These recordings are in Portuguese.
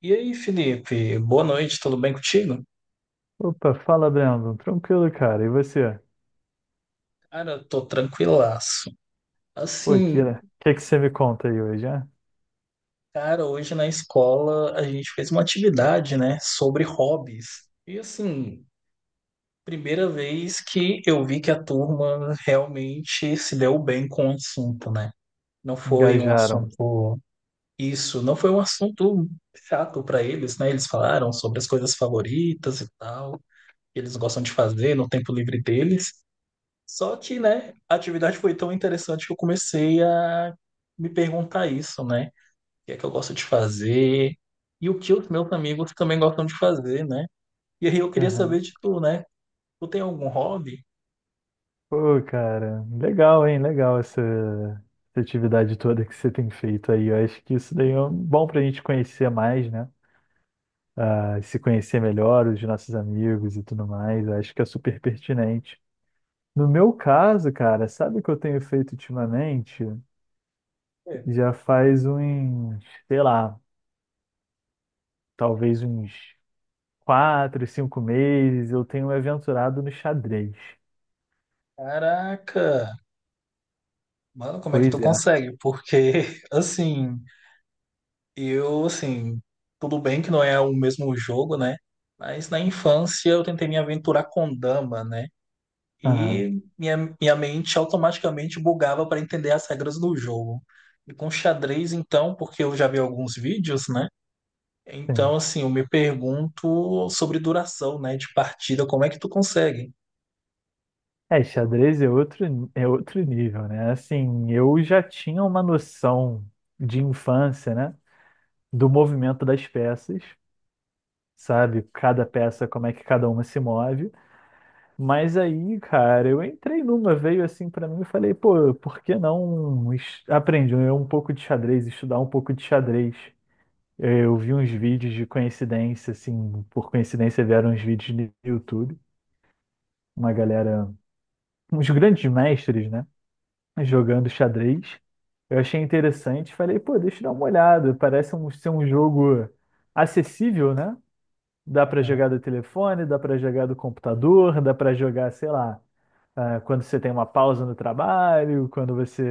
E aí, Felipe, boa noite, tudo bem contigo? Opa, fala, Brandon. Tranquilo, cara. E você? Cara, eu tô tranquilaço. Pô, Assim, Kira, o que que você me conta aí hoje, né? cara, hoje na escola a gente fez uma atividade, né, sobre hobbies. E assim, primeira vez que eu vi que a turma realmente se deu bem com o assunto, né? Não foi um Engajaram. assunto isso, não foi um assunto chato para eles, né? Eles falaram sobre as coisas favoritas e tal, que eles gostam de fazer no tempo livre deles. Só que, né, a atividade foi tão interessante que eu comecei a me perguntar isso, né? O que é que eu gosto de fazer e o que os meus amigos também gostam de fazer, né? E aí eu queria saber Aham. de tu, né? Tu tem algum hobby? Pô, cara, legal, hein? Legal essa atividade toda que você tem feito aí. Eu acho que isso daí é bom pra gente conhecer mais, né? Ah, se conhecer melhor, os nossos amigos e tudo mais. Eu acho que é super pertinente. No meu caso, cara, sabe o que eu tenho feito ultimamente? É. Já faz uns, sei lá, talvez uns 4, 5 meses, eu tenho me aventurado no xadrez. Caraca, mano, como é que Pois tu é. consegue? Porque, assim, eu, assim, tudo bem que não é o mesmo jogo, né? Mas na infância eu tentei me aventurar com dama, né? Ah, E minha mente automaticamente bugava para entender as regras do jogo. E com xadrez, então, porque eu já vi alguns vídeos, né? Então, sim. assim, eu me pergunto sobre duração, né, de partida, como é que tu consegue? É, xadrez é outro nível, né? Assim, eu já tinha uma noção de infância, né? Do movimento das peças, sabe? Cada peça, como é que cada uma se move. Mas aí, cara, eu entrei numa, veio assim pra mim e falei, pô, por que não aprender um pouco de xadrez, estudar um pouco de xadrez? Eu vi uns vídeos de coincidência, assim, por coincidência vieram uns vídeos no YouTube, uma galera, uns grandes mestres, né, jogando xadrez. Eu achei interessante, falei, pô, deixa eu dar uma olhada, parece ser um jogo acessível, né? Dá pra Aham, jogar do telefone, dá pra jogar do computador, dá pra jogar, sei lá, ah, quando você tem uma pausa no trabalho, quando você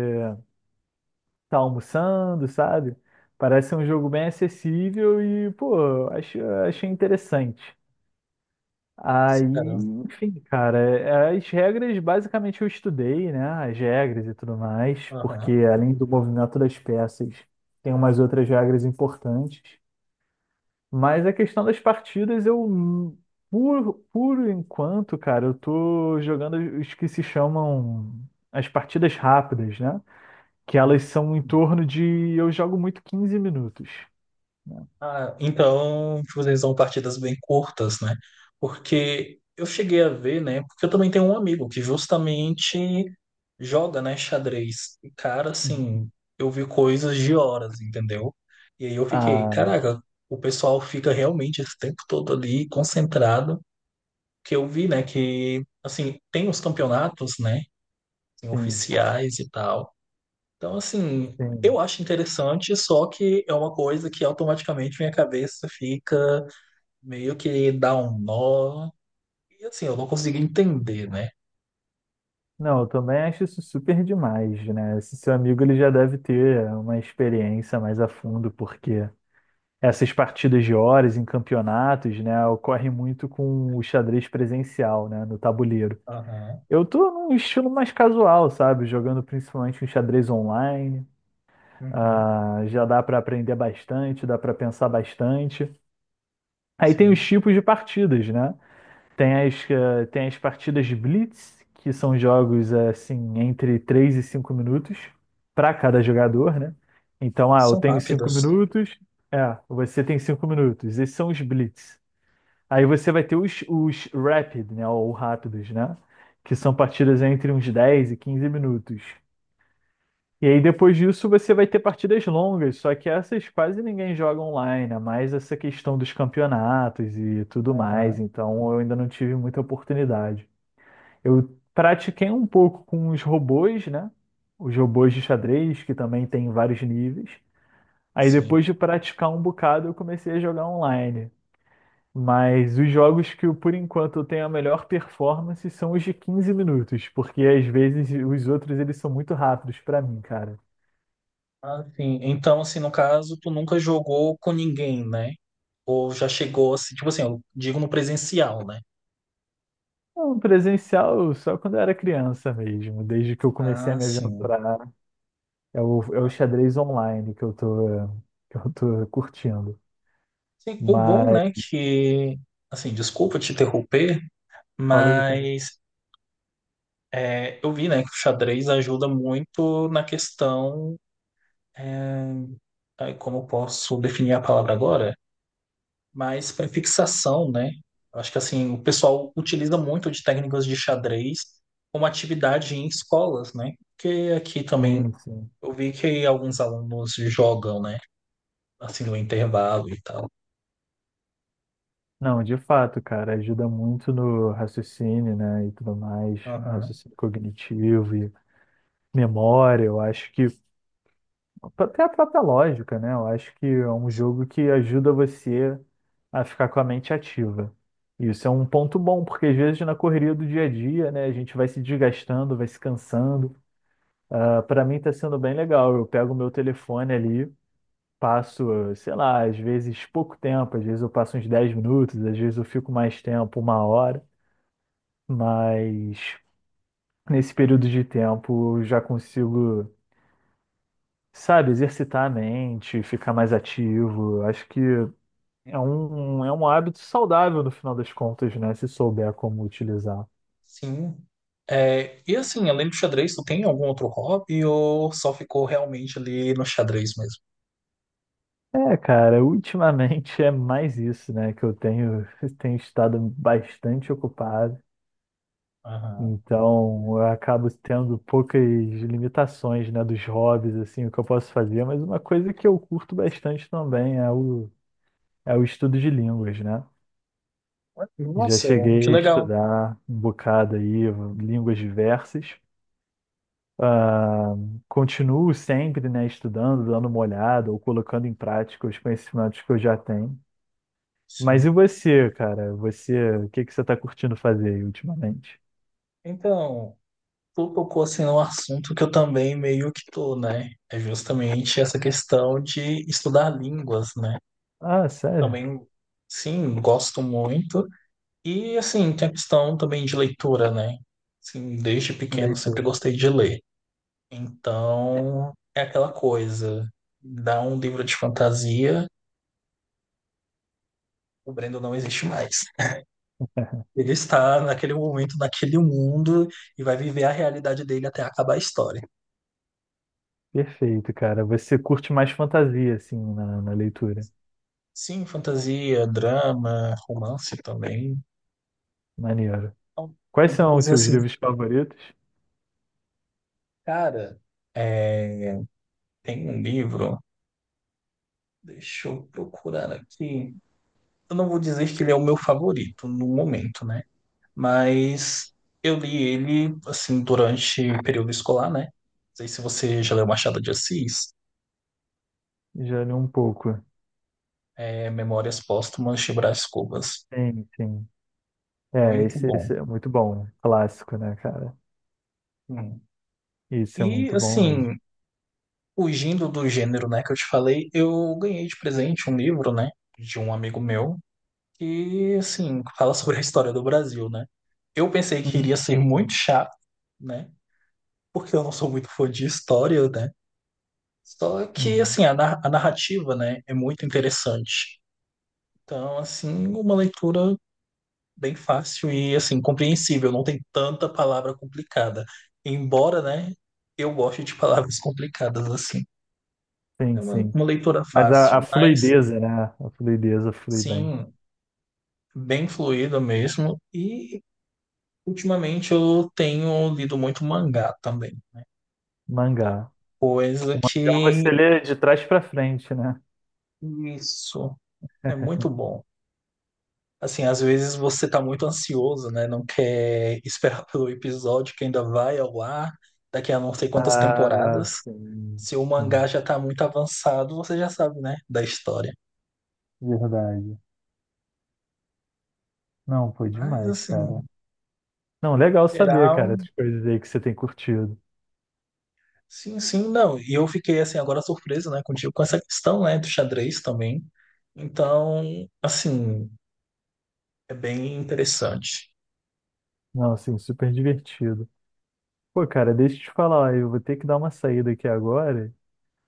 tá almoçando, sabe? Parece um jogo bem acessível e, pô, achei interessante. Aí, sim, cara. enfim, cara, as regras basicamente eu estudei, né? As regras e tudo mais, porque Aham. além do movimento das peças, tem umas outras regras importantes. Mas a questão das partidas, por enquanto, cara, eu tô jogando os que se chamam as partidas rápidas, né? Que Hum, elas são em hum. torno de. Eu jogo muito 15 minutos, né? Ah, então vocês são partidas bem curtas, né? Porque eu cheguei a ver, né? Porque eu também tenho um amigo que justamente joga, né, xadrez. E, cara, assim, eu vi coisas de horas, entendeu? E aí eu fiquei, Ah, caraca, o pessoal fica realmente esse tempo todo ali concentrado. Que eu vi, né, que, assim, tem os campeonatos, né, assim, sim, oficiais e tal. Então, assim, eu sim. acho interessante, só que é uma coisa que automaticamente minha cabeça fica meio que dá um nó. E assim, eu não consegui entender, né? Não, eu também acho isso super demais, né? Esse seu amigo ele já deve ter uma experiência mais a fundo, porque essas partidas de horas em campeonatos, né, ocorrem muito com o xadrez presencial, né, no tabuleiro. Aham, Eu tô num estilo mais casual, sabe? Jogando principalmente um xadrez online. uhum, Ah, já dá para aprender bastante, dá para pensar bastante. Aí tem os sim. tipos de partidas, né? Tem as partidas de Blitz, que são jogos assim entre 3 e 5 minutos para cada jogador, né? Então, ah, eu São tenho 5 rápidas. minutos, é, você tem 5 minutos. Esses são os Blitz. Aí você vai ter os Rapid, né? Ou rápidos, né? Que são partidas entre uns 10 e 15 minutos. E aí depois disso você vai ter partidas longas, só que essas quase ninguém joga online, é mais essa questão dos campeonatos e tudo mais, Aham, então eu ainda não tive muita oportunidade. Eu pratiquei um pouco com os robôs, né? Os robôs de xadrez, que também tem vários níveis. Aí depois sim. de praticar um bocado, eu comecei a jogar online. Mas os jogos que eu, por enquanto eu tenho a melhor performance são os de 15 minutos, porque às vezes os outros eles são muito rápidos pra mim, cara. Assim, então, assim, no caso, tu nunca jogou com ninguém, né? Ou já chegou, assim, tipo assim, eu digo no presencial, né? Não, presencial só quando eu era criança mesmo, desde que eu comecei a Ah, me sim. aventurar. É o xadrez online que eu tô, curtindo. Sim, o bom, Mas né, que, assim, desculpa te interromper, fala aí, fala aí. mas é, eu vi, né, que o xadrez ajuda muito na questão, aí, como eu posso definir a palavra agora? Mas para fixação, né? Eu acho que assim, o pessoal utiliza muito de técnicas de xadrez como atividade em escolas, né? Porque aqui também Sim, sim. eu vi que alguns alunos jogam, né? Assim, no intervalo e tal. Não, de fato, cara, ajuda muito no raciocínio, né, e tudo mais, no Aham. raciocínio cognitivo e memória, eu acho que, até a própria lógica, né, eu acho que é um jogo que ajuda você a ficar com a mente ativa. Isso é um ponto bom, porque às vezes na correria do dia a dia, né, a gente vai se desgastando, vai se cansando. Ah, para mim tá sendo bem legal, eu pego o meu telefone ali, passo, sei lá, às vezes pouco tempo, às vezes eu passo uns 10 minutos, às vezes eu fico mais tempo, uma hora, mas nesse período de tempo eu já consigo, sabe, exercitar a mente, ficar mais ativo. Acho que é um hábito saudável no final das contas, né, se souber como utilizar. Sim. É, e assim, além do xadrez, tu tem algum outro hobby ou só ficou realmente ali no xadrez mesmo? É, cara, ultimamente é mais isso, né, que eu tenho, tenho estado bastante ocupado. Aham. Então, eu acabo tendo poucas limitações, né, dos hobbies, assim, o que eu posso fazer, mas uma coisa que eu curto bastante também é o estudo de línguas, né? Já Nossa, que cheguei a legal. estudar um bocado aí, línguas diversas. Ah, continuo sempre, né, estudando, dando uma olhada ou colocando em prática os conhecimentos que eu já tenho. Mas e Sim. você, cara? Você, o que que você está curtindo fazer aí ultimamente? Então, tu tocou assim num assunto que eu também meio que tô, né? É justamente essa questão de estudar línguas, né? Ah, sério? Também, sim, gosto muito. E assim, tem a questão também de leitura, né? Assim, desde pequeno sempre Leitura. gostei de ler. Então, é aquela coisa, dá um livro de fantasia, o Brendo não existe mais. Ele está naquele momento, naquele mundo, e vai viver a realidade dele até acabar a história. Perfeito, cara. Você curte mais fantasia, assim, na leitura. Sim, fantasia, drama, romance também. Maneiro. Então, é Quais uma são os coisa seus assim, livros favoritos? cara, é, tem um livro, deixa eu procurar aqui. Eu não vou dizer que ele é o meu favorito no momento, né? Mas eu li ele, assim, durante o período escolar, né? Não sei se você já leu Machado de Assis, Já li um pouco. é Memórias Póstumas de Brás Cubas. Sim, sim. É, Muito esse, bom. esse é muito bom, né? Clássico, né, cara? Hum. Isso é E, muito bom mesmo. assim, fugindo do gênero, né, que eu te falei, eu ganhei de presente um livro, né, de um amigo meu, que, assim, fala sobre a história do Brasil, né. Eu pensei que Hum, iria ser muito chato, né, porque eu não sou muito fã de história, né. Só que, hum. assim, a, a narrativa, né, é muito interessante. Então, assim, uma leitura bem fácil e, assim, compreensível, não tem tanta palavra complicada. Embora, né, eu goste de palavras complicadas, assim. É Sim, uma, sim. uma leitura Mas a fácil, mas fluideza, né? A fluideza flui bem. sim, bem fluido mesmo. E ultimamente eu tenho lido muito mangá também, Mangá. coisa O mangá você que lê de trás pra frente, né? isso é muito bom. Assim, às vezes você tá muito ansioso, né? Não quer esperar pelo episódio que ainda vai ao ar daqui a não sei quantas Ah, temporadas. sim, Se o mangá sim. já tá muito avançado, você já sabe, né? Da história. Verdade. Não, foi Mas, demais, assim, cara. Não, legal saber, cara, geral. essas coisas aí que você tem curtido. Sim, sim, não. E eu fiquei assim agora surpreso, né, contigo com essa questão, né, do xadrez também. Então, assim, é bem interessante. Não, assim, super divertido. Pô, cara, deixa eu te falar, eu vou ter que dar uma saída aqui agora,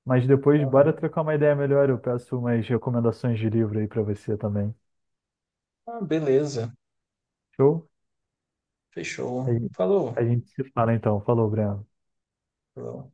mas depois bora Aham. trocar uma ideia melhor. Eu peço umas recomendações de livro aí pra você também. Ah, beleza. Show? A Fechou. gente, Falou. a gente se fala então. Falou, Breno. Falou.